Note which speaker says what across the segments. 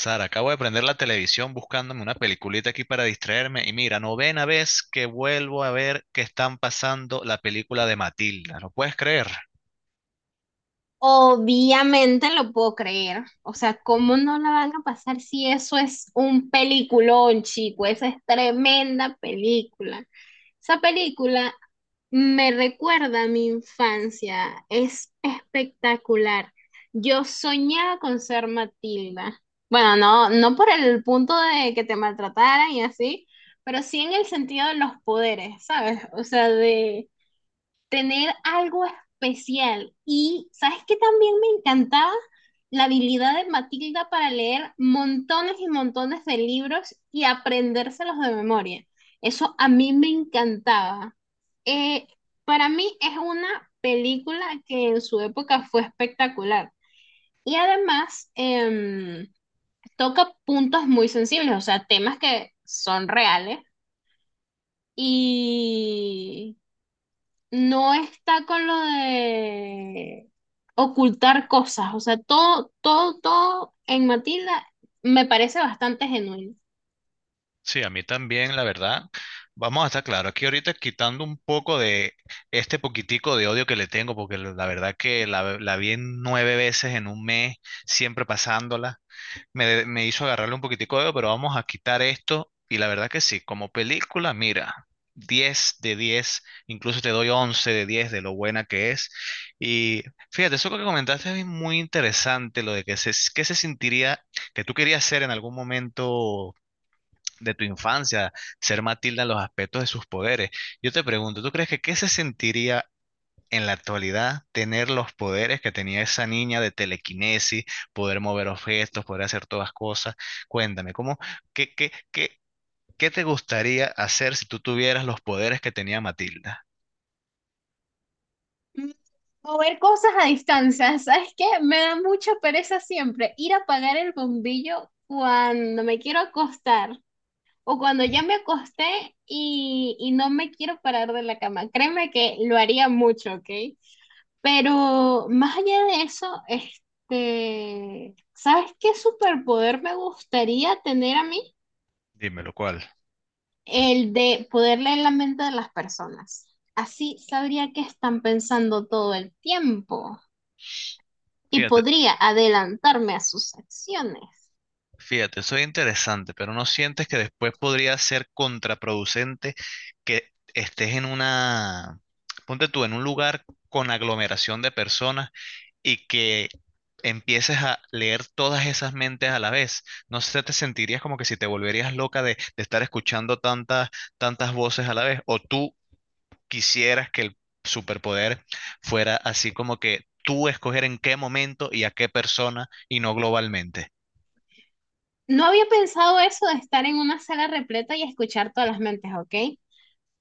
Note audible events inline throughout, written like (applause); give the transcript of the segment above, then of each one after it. Speaker 1: Sara, acabo de prender la televisión buscándome una peliculita aquí para distraerme y mira, novena vez que vuelvo a ver que están pasando la película de Matilda, ¿lo puedes creer?
Speaker 2: Obviamente lo puedo creer. O sea, ¿cómo no la van a pasar si eso es un peliculón, chico? Esa es tremenda película. Esa película me recuerda a mi infancia. Es espectacular. Yo soñaba con ser Matilda. Bueno, no por el punto de que te maltrataran y así, pero sí en el sentido de los poderes, ¿sabes? O sea, de tener algo especial. Y sabes que también me encantaba la habilidad de Matilda para leer montones y montones de libros y aprendérselos de memoria. Eso a mí me encantaba. Eh, para mí es una película que en su época fue espectacular. Y además toca puntos muy sensibles, o sea, temas que son reales y no está con lo de ocultar cosas, o sea, todo en Matilda me parece bastante genuino.
Speaker 1: Sí, a mí también, la verdad. Vamos a estar claro, aquí ahorita quitando un poco de este poquitico de odio que le tengo, porque la verdad que la vi en nueve veces en un mes, siempre pasándola. Me hizo agarrarle un poquitico de, dedo, pero vamos a quitar esto. Y la verdad que sí, como película, mira, 10 de 10, incluso te doy 11 de 10 de lo buena que es. Y fíjate, eso que comentaste es muy interesante, lo de que se sentiría, que tú querías ser en algún momento de tu infancia, ser Matilda en los aspectos de sus poderes. Yo te pregunto, ¿tú crees que qué se sentiría en la actualidad tener los poderes que tenía esa niña de telequinesis, poder mover objetos, poder hacer todas cosas? Cuéntame, ¿cómo, qué, qué, qué, qué te gustaría hacer si tú tuvieras los poderes que tenía Matilda?
Speaker 2: Mm, Mover cosas a distancia, ¿sabes qué? Me da mucha pereza siempre ir a apagar el bombillo cuando me quiero acostar o cuando ya me acosté y no me quiero parar de la cama. Créeme que lo haría mucho, ¿ok? Pero más allá de eso, este, ¿sabes qué superpoder me gustaría tener a mí?
Speaker 1: Dímelo, ¿cuál?
Speaker 2: El de poder leer la mente de las personas. Así sabría qué están pensando todo el tiempo y
Speaker 1: Fíjate,
Speaker 2: podría adelantarme a sus acciones.
Speaker 1: fíjate, soy interesante, pero ¿no sientes que después podría ser contraproducente que estés en una, ponte tú, en un lugar con aglomeración de personas y que empieces a leer todas esas mentes a la vez? No sé, te sentirías como que si te volverías loca de estar escuchando tantas, tantas voces a la vez, o tú quisieras que el superpoder fuera así como que tú escoger en qué momento y a qué persona y no globalmente.
Speaker 2: No había pensado eso de estar en una sala repleta y escuchar todas las mentes, ¿ok?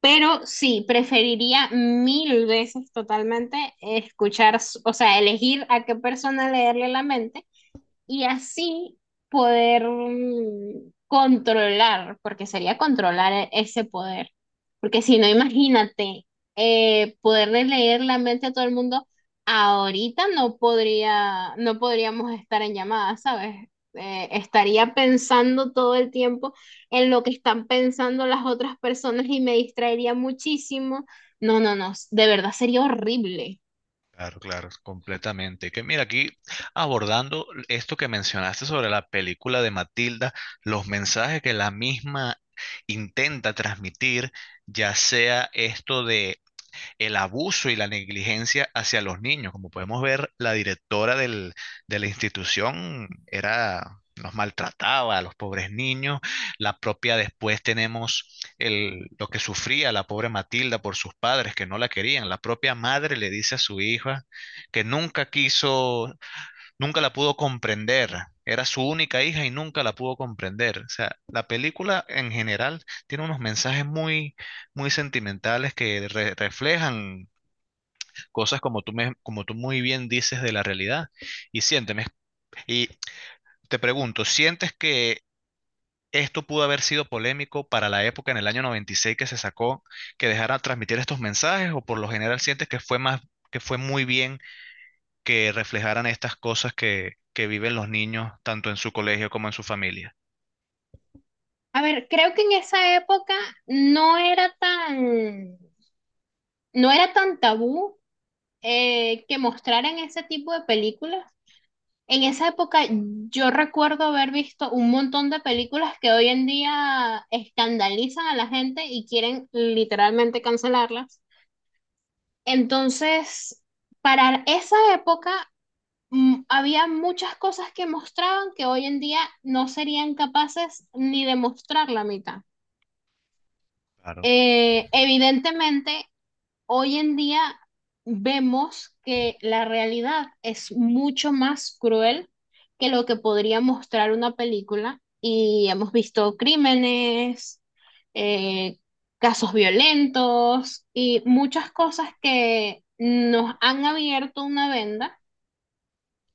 Speaker 2: Pero sí, preferiría mil veces totalmente escuchar, o sea, elegir a qué persona leerle la mente y así poder controlar, porque sería controlar ese poder. Porque si no, imagínate, poderle leer la mente a todo el mundo, ahorita no podríamos estar en llamada, ¿sabes? Estaría pensando todo el tiempo en lo que están pensando las otras personas y me distraería muchísimo. No, no, no, de verdad sería horrible.
Speaker 1: Claro, claro, completamente. Que mira, aquí abordando esto que mencionaste sobre la película de Matilda, los mensajes que la misma intenta transmitir, ya sea esto de el abuso y la negligencia hacia los niños. Como podemos ver, la directora del, de la institución era, los maltrataba a los pobres niños. La propia después tenemos el, lo que sufría la pobre Matilda por sus padres que no la querían. La propia madre le dice a su hija que nunca quiso, nunca la pudo comprender. Era su única hija y nunca la pudo comprender. O sea, la película en general tiene unos mensajes muy, muy sentimentales que re- reflejan cosas como tú, me- como tú muy bien dices de la realidad. Y siénteme, y te pregunto, ¿sientes que esto pudo haber sido polémico para la época en el año 96 que se sacó, que dejara transmitir estos mensajes, o por lo general sientes que fue más, que fue muy bien que reflejaran estas cosas que viven los niños, tanto en su colegio como en su familia?
Speaker 2: A ver, creo que en esa época no era tan no era tan tabú que mostraran ese tipo de películas. En esa época yo recuerdo haber visto un montón de películas que hoy en día escandalizan a la gente y quieren literalmente cancelarlas. Entonces, para esa época había muchas cosas que mostraban que hoy en día no serían capaces ni de mostrar la mitad.
Speaker 1: Claro.
Speaker 2: Evidentemente, hoy en día vemos que la realidad es mucho más cruel que lo que podría mostrar una película y hemos visto crímenes, eh, casos violentos y muchas cosas que nos han abierto una venda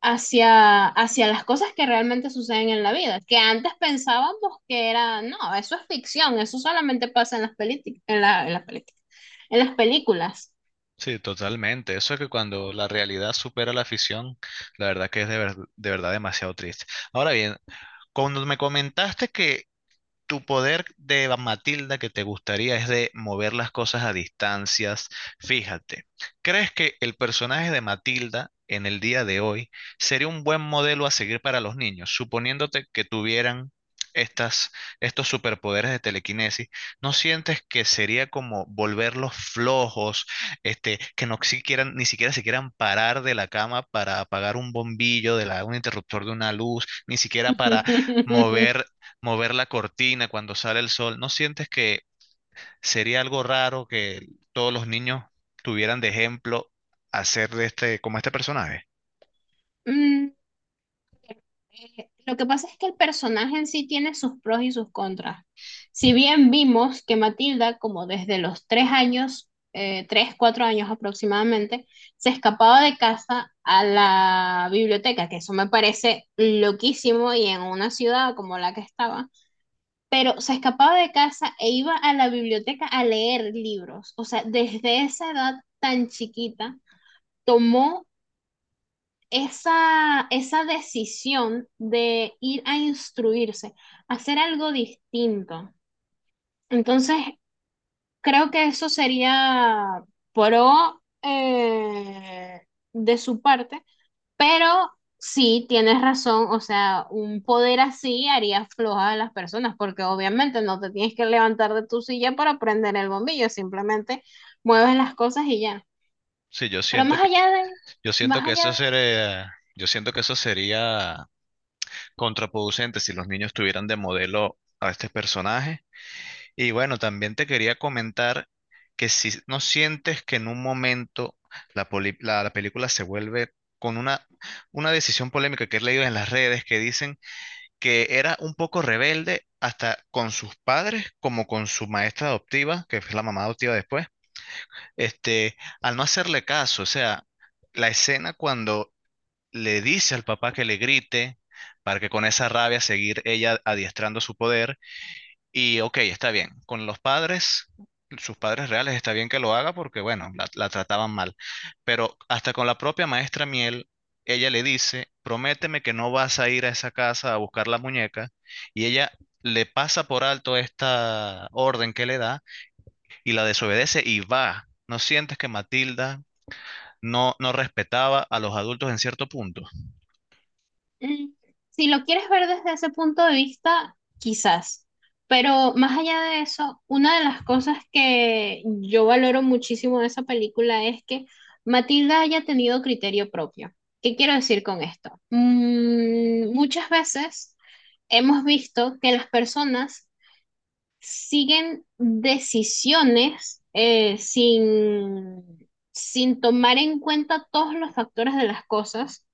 Speaker 2: hacia las cosas que realmente suceden en la vida, que antes pensábamos que era, no, eso es ficción, eso solamente pasa en las, en las películas, en las películas.
Speaker 1: Sí, totalmente. Eso es que cuando la realidad supera la ficción, la verdad que es de, ver- de verdad demasiado triste. Ahora bien, cuando me comentaste que tu poder de Matilda que te gustaría es de mover las cosas a distancias. Fíjate, ¿crees que el personaje de Matilda en el día de hoy sería un buen modelo a seguir para los niños? Suponiéndote que tuvieran estas, estos superpoderes de telequinesis, ¿no sientes que sería como volverlos flojos, este, que no siquiera, ni siquiera se quieran parar de la cama para apagar un bombillo, de la, un interruptor de una luz, ni siquiera para
Speaker 2: (laughs)
Speaker 1: mover mover la cortina cuando sale el sol? ¿No sientes que sería algo raro que todos los niños tuvieran de ejemplo hacer de este, como este personaje?
Speaker 2: Mm, lo que pasa es que el personaje en sí tiene sus pros y sus contras. Si bien vimos que Matilda, como desde los tres años, cuatro años aproximadamente, se escapaba de casa a la biblioteca, que eso me parece loquísimo y en una ciudad como la que estaba, pero se escapaba de casa e iba a la biblioteca a leer libros. O sea, desde esa edad tan chiquita, tomó esa decisión de ir a instruirse, hacer algo distinto. Entonces, creo que eso sería pro de su parte, pero sí, tienes razón, o sea, un poder así haría floja a las personas, porque obviamente no te tienes que levantar de tu silla para prender el bombillo, simplemente mueves las cosas y ya.
Speaker 1: Sí, yo
Speaker 2: Pero
Speaker 1: siento
Speaker 2: más
Speaker 1: que,
Speaker 2: allá de, más allá.
Speaker 1: yo siento que eso sería contraproducente si los niños tuvieran de modelo a este personaje. Y bueno, también te quería comentar que si no sientes que en un momento la, poli- la película se vuelve con una decisión polémica que he leído en las redes que dicen que era un poco rebelde hasta con sus padres como con su maestra adoptiva, que es la mamá adoptiva después, este, al no hacerle caso, o sea, la escena cuando le dice al papá que le grite para que con esa rabia seguir ella adiestrando su poder, y ok, está bien. Con los padres, sus padres reales, está bien que lo haga porque, bueno, la trataban mal. Pero hasta con la propia maestra Miel, ella le dice, prométeme que no vas a ir a esa casa a buscar la muñeca. Y ella le pasa por alto esta orden que le da y la desobedece y va. ¿No sientes que Matilda no, no respetaba a los adultos en cierto punto?
Speaker 2: Mm, Si lo quieres ver desde ese punto de vista, quizás. Pero más allá de eso, una de las cosas que yo valoro muchísimo de esa película es que Matilda haya tenido criterio propio. ¿Qué quiero decir con esto? Muchas veces hemos visto que las personas siguen decisiones sin tomar en cuenta todos los factores de las cosas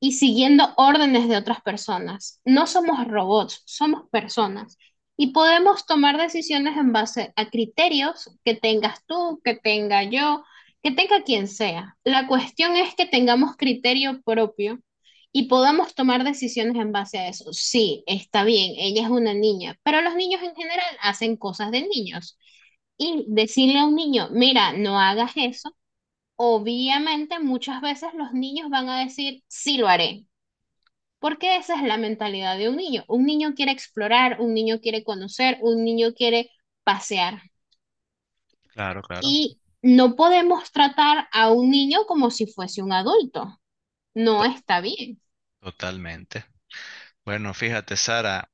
Speaker 2: y siguiendo órdenes de otras personas. No somos robots, somos personas. Y podemos tomar decisiones en base a criterios que tengas tú, que tenga yo, que tenga quien sea. La cuestión es que tengamos criterio propio y podamos tomar decisiones en base a eso. Sí, está bien, ella es una niña, pero los niños en general hacen cosas de niños. Y decirle a un niño, mira, no hagas eso, obviamente muchas veces los niños van a decir, sí lo haré, porque esa es la mentalidad de un niño. Un niño quiere explorar, un niño quiere conocer, un niño quiere pasear.
Speaker 1: Claro, claro.
Speaker 2: Y no podemos tratar a un niño como si fuese un adulto. No
Speaker 1: To-
Speaker 2: está bien.
Speaker 1: Totalmente. Bueno, fíjate, Sara.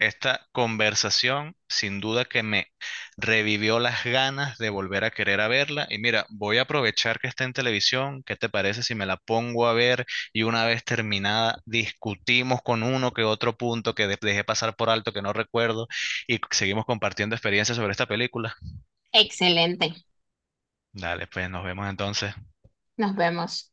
Speaker 1: Esta conversación sin duda que me revivió las ganas de volver a querer a verla. Y mira, voy a aprovechar que está en televisión. ¿Qué te parece si me la pongo a ver y una vez terminada discutimos con uno que otro punto que de- dejé pasar por alto que no recuerdo y seguimos compartiendo experiencias sobre esta película?
Speaker 2: Excelente.
Speaker 1: Dale, pues nos vemos entonces.
Speaker 2: Nos vemos.